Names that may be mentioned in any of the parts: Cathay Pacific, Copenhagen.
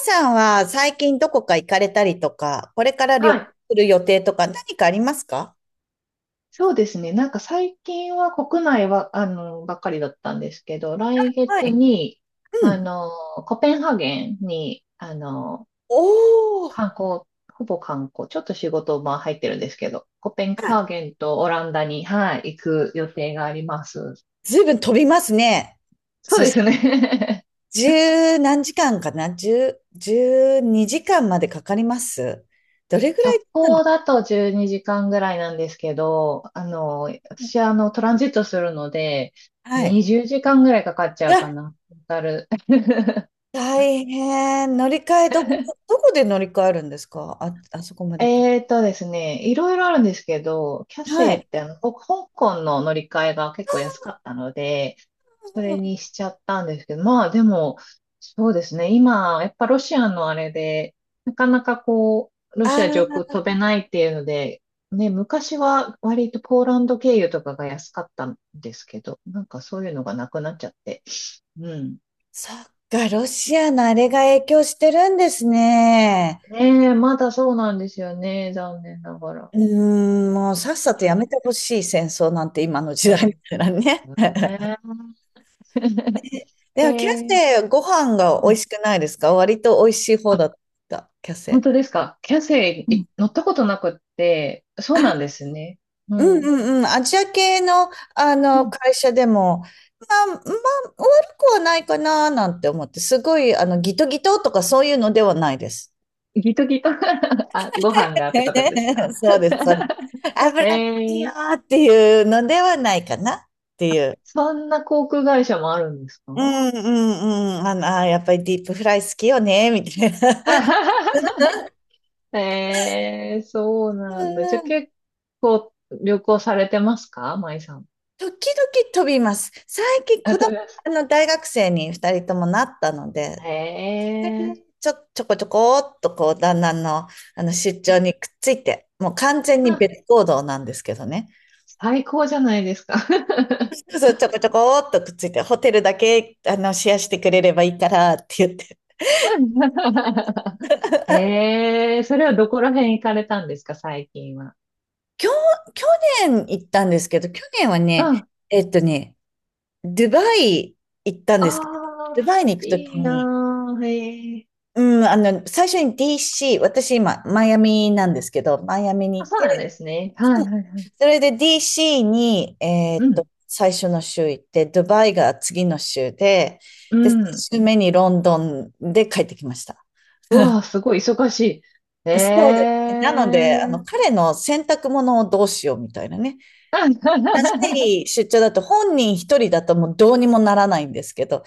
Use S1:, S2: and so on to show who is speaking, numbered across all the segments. S1: さんは最近どこか行かれたりとか、これから旅
S2: は
S1: 行
S2: い。
S1: する予定とか何かありますか？
S2: そうですね。なんか最近は国内は、ばっかりだったんですけど、来
S1: は
S2: 月
S1: い。
S2: に、
S1: う
S2: あ
S1: ん。
S2: の、コペンハーゲンに、
S1: おー、
S2: 観光、ほぼ観光、ちょっと仕事、まあ入ってるんですけど、コペン
S1: あ
S2: ハー
S1: ら、
S2: ゲンとオランダに、はい、行く予定があります。
S1: ずいぶん飛びますね。
S2: そう
S1: そ
S2: で
S1: して、
S2: すね。
S1: 十何時間かな、十、十二時間までかかります。どれぐ らい
S2: 直
S1: なんだ。
S2: 行だと12時間ぐらいなんですけど、私はトランジットするので、
S1: はい。
S2: 20時間ぐらいかかっち
S1: い
S2: ゃう
S1: や、
S2: かな。トータル。
S1: 大変。乗り換え、どこ、どこで乗り換えるんですか、あ、あそこまで行く。
S2: ですね、いろいろあるんですけど、キャ
S1: は
S2: セイ
S1: い。
S2: って香港の乗り換えが結構安かったので、それにしちゃったんですけど、まあでも、そうですね、今、やっぱロシアのあれで、なかなかこう、ロ
S1: あ
S2: シア上
S1: あ
S2: 空
S1: ー、
S2: 飛べないっていうので、ね、昔は割とポーランド経由とかが安かったんですけど、なんかそういうのがなくなっちゃって。うん。
S1: そっか、ロシアのあれが影響してるんですね。
S2: ねえ、まだそうなんですよね、残念ながら。
S1: うーん、もうさっさと
S2: う
S1: やめ
S2: ん。
S1: てほしい、戦争なんて今の時
S2: う
S1: 代み
S2: ん。
S1: たいなね。
S2: ね。
S1: で
S2: え
S1: も、キャ
S2: ー、
S1: セイ、ご飯が
S2: う
S1: 美
S2: ん、
S1: 味しくないですか、割と美味しい方
S2: あ、
S1: だった、キャ
S2: 本
S1: セ
S2: 当ですか。キャセ
S1: イ。う
S2: イ
S1: ん、
S2: い乗ったことなくって、そうなん
S1: あ、
S2: ですね。う
S1: うんう
S2: ん。
S1: んうん。アジア系の、
S2: うん。
S1: 会社でも、まあ、まあ、悪くはないかななんて思って、すごい、ギトギトとかそういうのではないです。
S2: ギトギト。 あ、ご飯がってことですか。
S1: そうです、そうです。
S2: え
S1: 油がいいよ
S2: ー、
S1: っていうのではないかなっていう。
S2: そんな航空会社もあるんです
S1: う
S2: か？
S1: んうんうん。やっぱりディープフライ好きよね、みたいな。
S2: えー、そう
S1: う
S2: なんだ。じゃあ
S1: んうん。
S2: 結構旅行されてますか、舞さん。
S1: 時々飛びます。最近
S2: あ、
S1: 子
S2: 飛
S1: 供、
S2: びます。
S1: 大学生に二人ともなったので、で、
S2: えー、
S1: ちょ、ちょこちょこっとこう、旦那の、出張にくっついて、もう完全に
S2: あ、
S1: 別行動なんですけどね。
S2: 最高じゃないですか。
S1: そうそう、ちょこちょこっとくっついて、ホテルだけ、シェアしてくれればいいからって言って。
S2: ええ、それはどこら辺行かれたんですか、最近は。
S1: 去、去年行ったんですけど、去年は
S2: うん。
S1: ね、
S2: あ
S1: ドバイ行ったんですけど、
S2: あ、
S1: ドバイに行くとき
S2: いい
S1: に、
S2: なー。へえ。
S1: うん、最初に DC、私今、マイアミなんですけど、マイアミに
S2: あ、
S1: 行っ
S2: そうなん
S1: て、
S2: ですね。はいは
S1: そ、
S2: いはい。
S1: それで DC に、
S2: うん。
S1: 最初の週行って、ドバイが次の週で、
S2: う
S1: で、3
S2: ん。
S1: 週目にロンドンで帰ってきました。
S2: うわあ、すごい忙しい。え
S1: そうですね。なので、
S2: え。
S1: 彼の洗濯物をどうしようみたいなね。長 い出張だと本人一人だともうどうにもならないんですけど、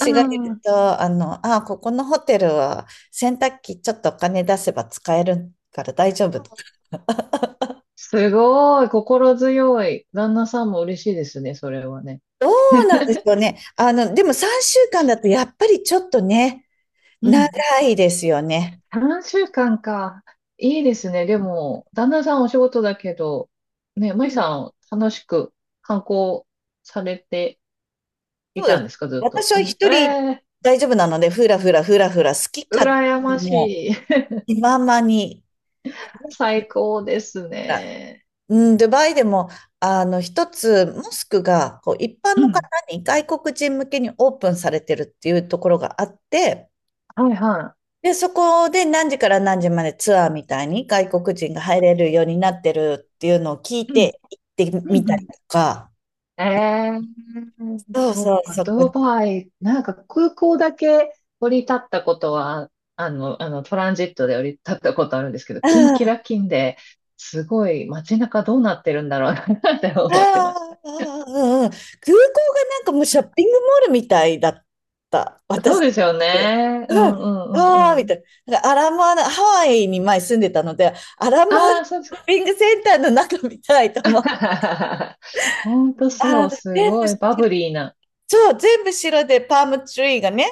S2: あ
S1: がいる
S2: あ、
S1: と、あ、ここのホテルは洗濯機ちょっとお金出せば使えるから大丈夫。
S2: すごい。心強い。旦那さんも嬉しいですね、それはね。
S1: どうなんでしょうね。でも3週間だとやっぱりちょっとね、
S2: う
S1: 長
S2: ん。
S1: いですよね。
S2: 3週間かんか。いいですね。でも、旦那さんお仕事だけど、ね、舞
S1: うん、
S2: さん、楽しく観光されてい
S1: そうで
S2: た
S1: す。
S2: んですか、ずっと。
S1: 私
S2: う
S1: は
S2: ん、え
S1: 一人
S2: えー、
S1: 大丈夫なので、ふらふらふらふら、好き勝
S2: 羨
S1: 手
S2: ま
S1: に、
S2: し
S1: も
S2: い。
S1: う気ままに、ふ ら
S2: 最
S1: ふ
S2: 高です
S1: ら。
S2: ね。
S1: うん、ドバイでも、一つ、モスクが、こう、一般
S2: う
S1: の方
S2: ん。
S1: に、外国人向けにオープンされてるっていうところがあって、
S2: はいは
S1: で、そこで何時から何時までツアーみたいに外国人が入れるようになってるっていうのを聞い
S2: い。うん。
S1: て行って
S2: う
S1: み
S2: ん、
S1: た
S2: う
S1: り
S2: ん。
S1: とか、
S2: ええ、
S1: そう
S2: そっ
S1: そう、
S2: か、
S1: そこ
S2: ド
S1: で。
S2: バイ、なんか空港だけ降り立ったことは、トランジットで降り立ったことあるんですけど、キンキラキンで、すごい街中どうなってるんだろうなって
S1: あ
S2: 思ってまし
S1: あ、
S2: た。
S1: うんうん、空港がなんかもうショッピングモールみたいだった、私
S2: そう
S1: にと
S2: ですよ
S1: って。
S2: ね。うんう
S1: うん、
S2: んう
S1: ああ、
S2: んう
S1: み
S2: ん。
S1: たいな。なんかアラモアナ、ハワイに前住んでたので、アラモアナシ
S2: ああ、そうです
S1: ョ
S2: か。
S1: ッピングセンターの中みたいと思う。
S2: ほんと
S1: あ
S2: そ
S1: あ、
S2: う、す
S1: 全部
S2: ごいバブ
S1: 白。
S2: リーな。
S1: そう、全部白でパームツリーがね、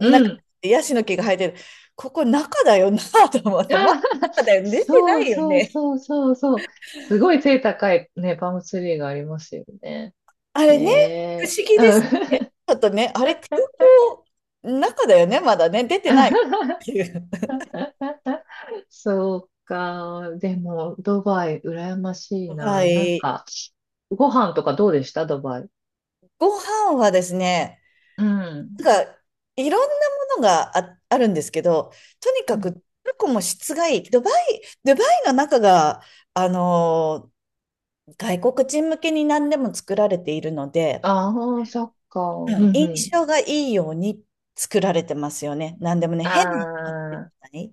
S2: うん。
S1: でヤシの木が生えてる。ここ中だよなと思っ て、
S2: あ
S1: まあ、
S2: あ、
S1: 中だよね、出てな
S2: そう
S1: いよ
S2: そう
S1: ね。
S2: そうそうそう。すごい背高いね、パームツリーがありますよね。
S1: あれね、不
S2: ね
S1: 思議
S2: え。
S1: で
S2: う
S1: す
S2: ん。
S1: よね。ちょっとね、あれ、空港の中だよね、まだね、出てないっていう。
S2: そうか。でも、ドバイ、羨ましい
S1: は
S2: な。なん
S1: い。
S2: か、ご飯とかどうでしたドバイ。
S1: ご飯はですね、
S2: うん。
S1: なんか、いろんなものがあ、あるんですけど、とにかく、トルコも質がいい。ドバイ、ドバイの中が、あのー、外国人向けに何でも作られているので、
S2: ああー、そっか。
S1: う
S2: うん
S1: ん。
S2: う
S1: 印
S2: ん。
S1: 象がいいように作られてますよね。何でもね、
S2: あ
S1: 変なのが出て
S2: あ、
S1: こない。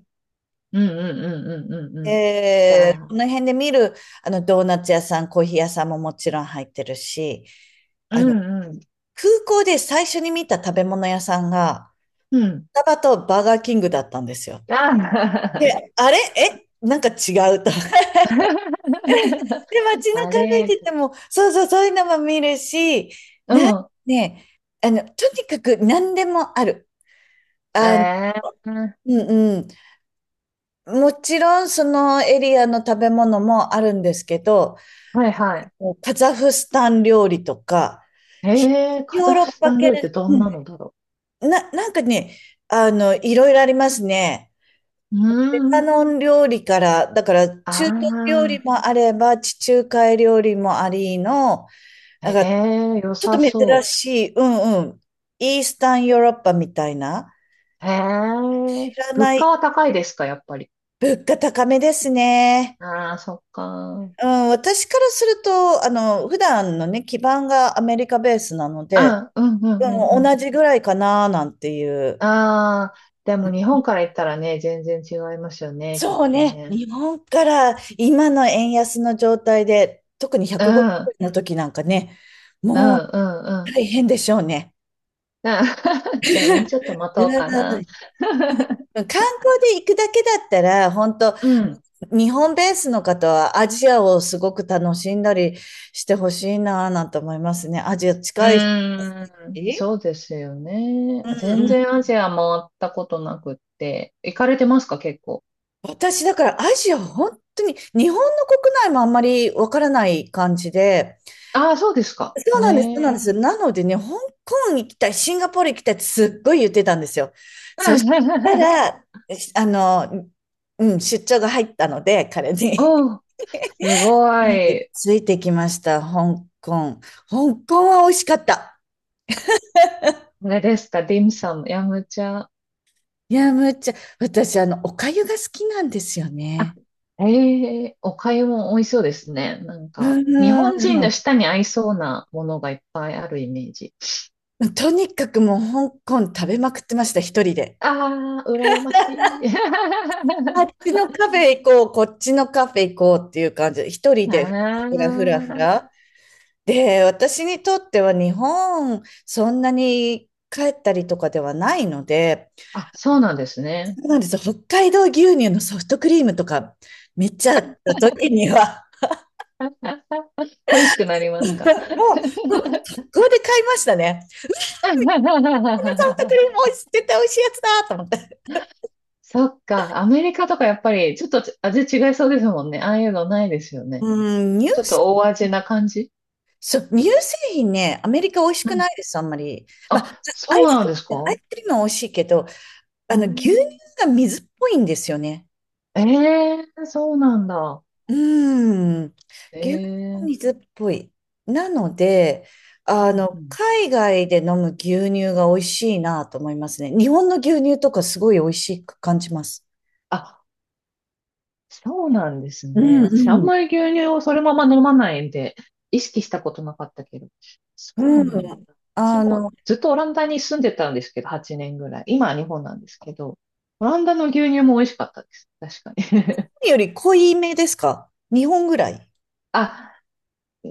S2: うんうんうんうんうんうん。じゃ
S1: こ
S2: あ、
S1: の辺で見る、ドーナツ屋さん、コーヒー屋さんももちろん入ってるし、
S2: う
S1: あの、
S2: んうん。
S1: 空港で最初に見た食べ物屋さんが、
S2: うん。
S1: スタバとバーガーキングだったんですよ。
S2: あ
S1: で、
S2: あ、
S1: あれえ、なんか違うと。で、街
S2: あ
S1: 中歩い
S2: れ、
S1: てても、そうそう、そういうのも見るし、
S2: う
S1: な、
S2: ん。
S1: ね、とにかく何でもある。あ、
S2: ええ、
S1: うんうん。もちろん、そのエリアの食べ物もあるんですけど、
S2: はいはい。
S1: もうカザフスタン料理とか、
S2: え
S1: ひ、
S2: え、カ
S1: ヨー
S2: ザフ
S1: ロッ
S2: ス
S1: パ
S2: タン料理って
S1: 系、
S2: ど
S1: う
S2: ん
S1: ん、
S2: なのだろ
S1: な、なんかね、いろいろありますね。
S2: う。
S1: レ
S2: う
S1: バ
S2: ーん。
S1: ノン料理から、だから中東料
S2: あ
S1: 理もあれば、地中海料理もありの、
S2: あ、
S1: なん
S2: へ
S1: か
S2: え、良
S1: ちょっと
S2: さ
S1: 珍
S2: そ
S1: しい、うんうん、イースタンヨーロッパみたいな、
S2: う。へ
S1: 知
S2: え、
S1: ら
S2: 物
S1: ない、
S2: 価は高いですか、やっぱり。
S1: 物価高めですね。
S2: ああ、そっか。
S1: うん、私からすると、普段のね、基盤がアメリカベースなので、
S2: あ、うんうんうん
S1: う
S2: う
S1: ん、
S2: ん。
S1: 同じぐらいかななんていう。
S2: ああ、でも日本から行ったらね、全然違いますよね、きっ
S1: そう
S2: と
S1: ね。
S2: ね。
S1: 日本から今の円安の状態で、特に
S2: うん、
S1: 150
S2: うん、
S1: 円の時なんかね、
S2: う
S1: もう
S2: ん、うん。
S1: 大変でしょうね。
S2: じゃあもうちょっと待
S1: う
S2: とうかな。
S1: わ、観光で行くだけだったら、本当、
S2: うん。
S1: 日本ベースの方はアジアをすごく楽しんだりしてほしいなぁなんて思いますね。アジア
S2: う
S1: 近いし。
S2: ーん、そ
S1: う
S2: うですよね。
S1: んう
S2: 全
S1: ん。
S2: 然アジア回ったことなくって。行かれてますか、結構。
S1: 私だからアジア、本当に日本の国内もあんまりわからない感じで、
S2: ああ、そうですか。
S1: そうなんです、そうなんで
S2: ね
S1: す。なのでね、香港行きたい、シンガポール行きたいってすっごい言ってたんですよ。そした
S2: え。
S1: ら、し、うん、出張が入ったので、彼に。
S2: おー、す
S1: な
S2: ご
S1: ので
S2: い。
S1: ついてきました、香港。香港は美味しかった。
S2: これですか、ディムサム、ヤムチャ。
S1: いや、むっちゃ、私、お粥が好きなんですよ
S2: あ、
S1: ね。
S2: ええ、お粥も美味しそうですね。なん
S1: う
S2: か、日本人
S1: ん。
S2: の舌に合いそうなものがいっぱいあるイメージ。
S1: とにかくもう香港食べまくってました、一人で。
S2: ああ、羨ましい。
S1: あっちのカフェ行こう、こっちのカフェ行こうっていう感じで、一人
S2: あ
S1: でふらふらふらふら。
S2: ー
S1: で、私にとっては日本、そんなに帰ったりとかではないので、
S2: あ、そうなんです
S1: そ
S2: ね。
S1: うなんですよ。北海道牛乳のソフトクリームとか、めっちゃあった時には、
S2: 恋しくなり ま
S1: もう、
S2: すか。
S1: もうここで買いましたね。ソフトク リーム美味しい、絶対美味しいやつだと思って。
S2: そっか、アメリカとかやっぱりちょっと味違いそうですもんね。ああいうのないですよね。
S1: うん、乳
S2: ちょっ
S1: 製
S2: と大味
S1: 品、
S2: な感じ。
S1: そう、乳製品ね、アメリカ美味しくないです、あんまり。まあ、
S2: あ、
S1: ア
S2: そ
S1: イ
S2: うなん
S1: ス、
S2: ですか。
S1: アイ
S2: う
S1: スクリームは美味しいけど、
S2: ー
S1: 牛乳
S2: ん。
S1: が水っぽいんですよね。
S2: ええ、そうなんだ。
S1: うーん、牛乳
S2: ええ、
S1: 水っぽい。なので、
S2: うんうん。
S1: 海外で飲む牛乳が美味しいなと思いますね。日本の牛乳とかすごい美味しく感じます。
S2: あ、そうなんです
S1: う
S2: ね。私、あん
S1: ん
S2: まり牛乳をそのまま飲まないんで、意識したことなかったけど。そ
S1: う
S2: うな
S1: ん。う
S2: ん
S1: ん。
S2: だ。私
S1: あ
S2: も
S1: の、
S2: ずっとオランダに住んでたんですけど、8年ぐらい。今は日本なんですけど、オランダの牛乳も美味しかったです。確かに。
S1: より濃いめですか、日本ぐらい。
S2: あ、う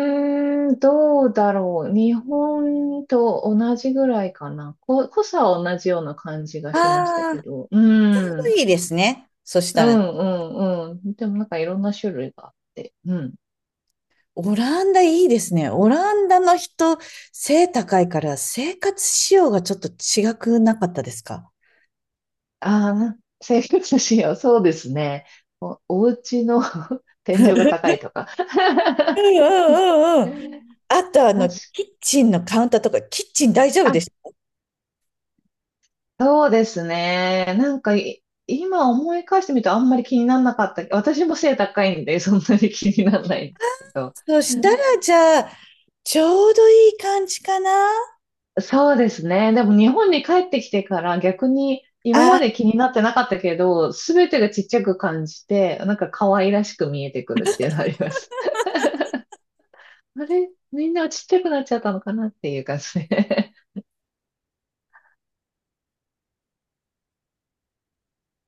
S2: ーん、どうだろう。日本と同じぐらいかな。濃さは同じような感じがしました
S1: あ
S2: け
S1: あ、
S2: ど。う
S1: 濃
S2: ん。
S1: いですね。そし
S2: う
S1: たら、
S2: ん、うん、うん。でもなんかいろんな種類があって。うん。
S1: オランダいいですね。オランダの人、背高いから生活仕様がちょっと違くなかったですか？
S2: ああ、な生活しよそうですね。お家の 天井が高いとか。
S1: うんうんうんうん。あと、
S2: 確か、
S1: キッチンのカウンターとか、キッチン大丈夫
S2: あ、
S1: でし
S2: そうですね。なんかい、今思い返してみるとあんまり気にならなかった。私も背高いんで、そんなに気にならないんですけ
S1: ょ、
S2: ど。
S1: そ
S2: う
S1: したら、
S2: ん。
S1: じゃあ、ちょうどいい感じかな、
S2: そうですね。でも日本に帰ってきてから逆に今まで
S1: あ
S2: 気になってなかったけど、すべてがちっちゃく感じて、なんか可愛らしく見えてくるっていうのあります。あれみんなちっちゃくなっちゃったのかなっていう感じで。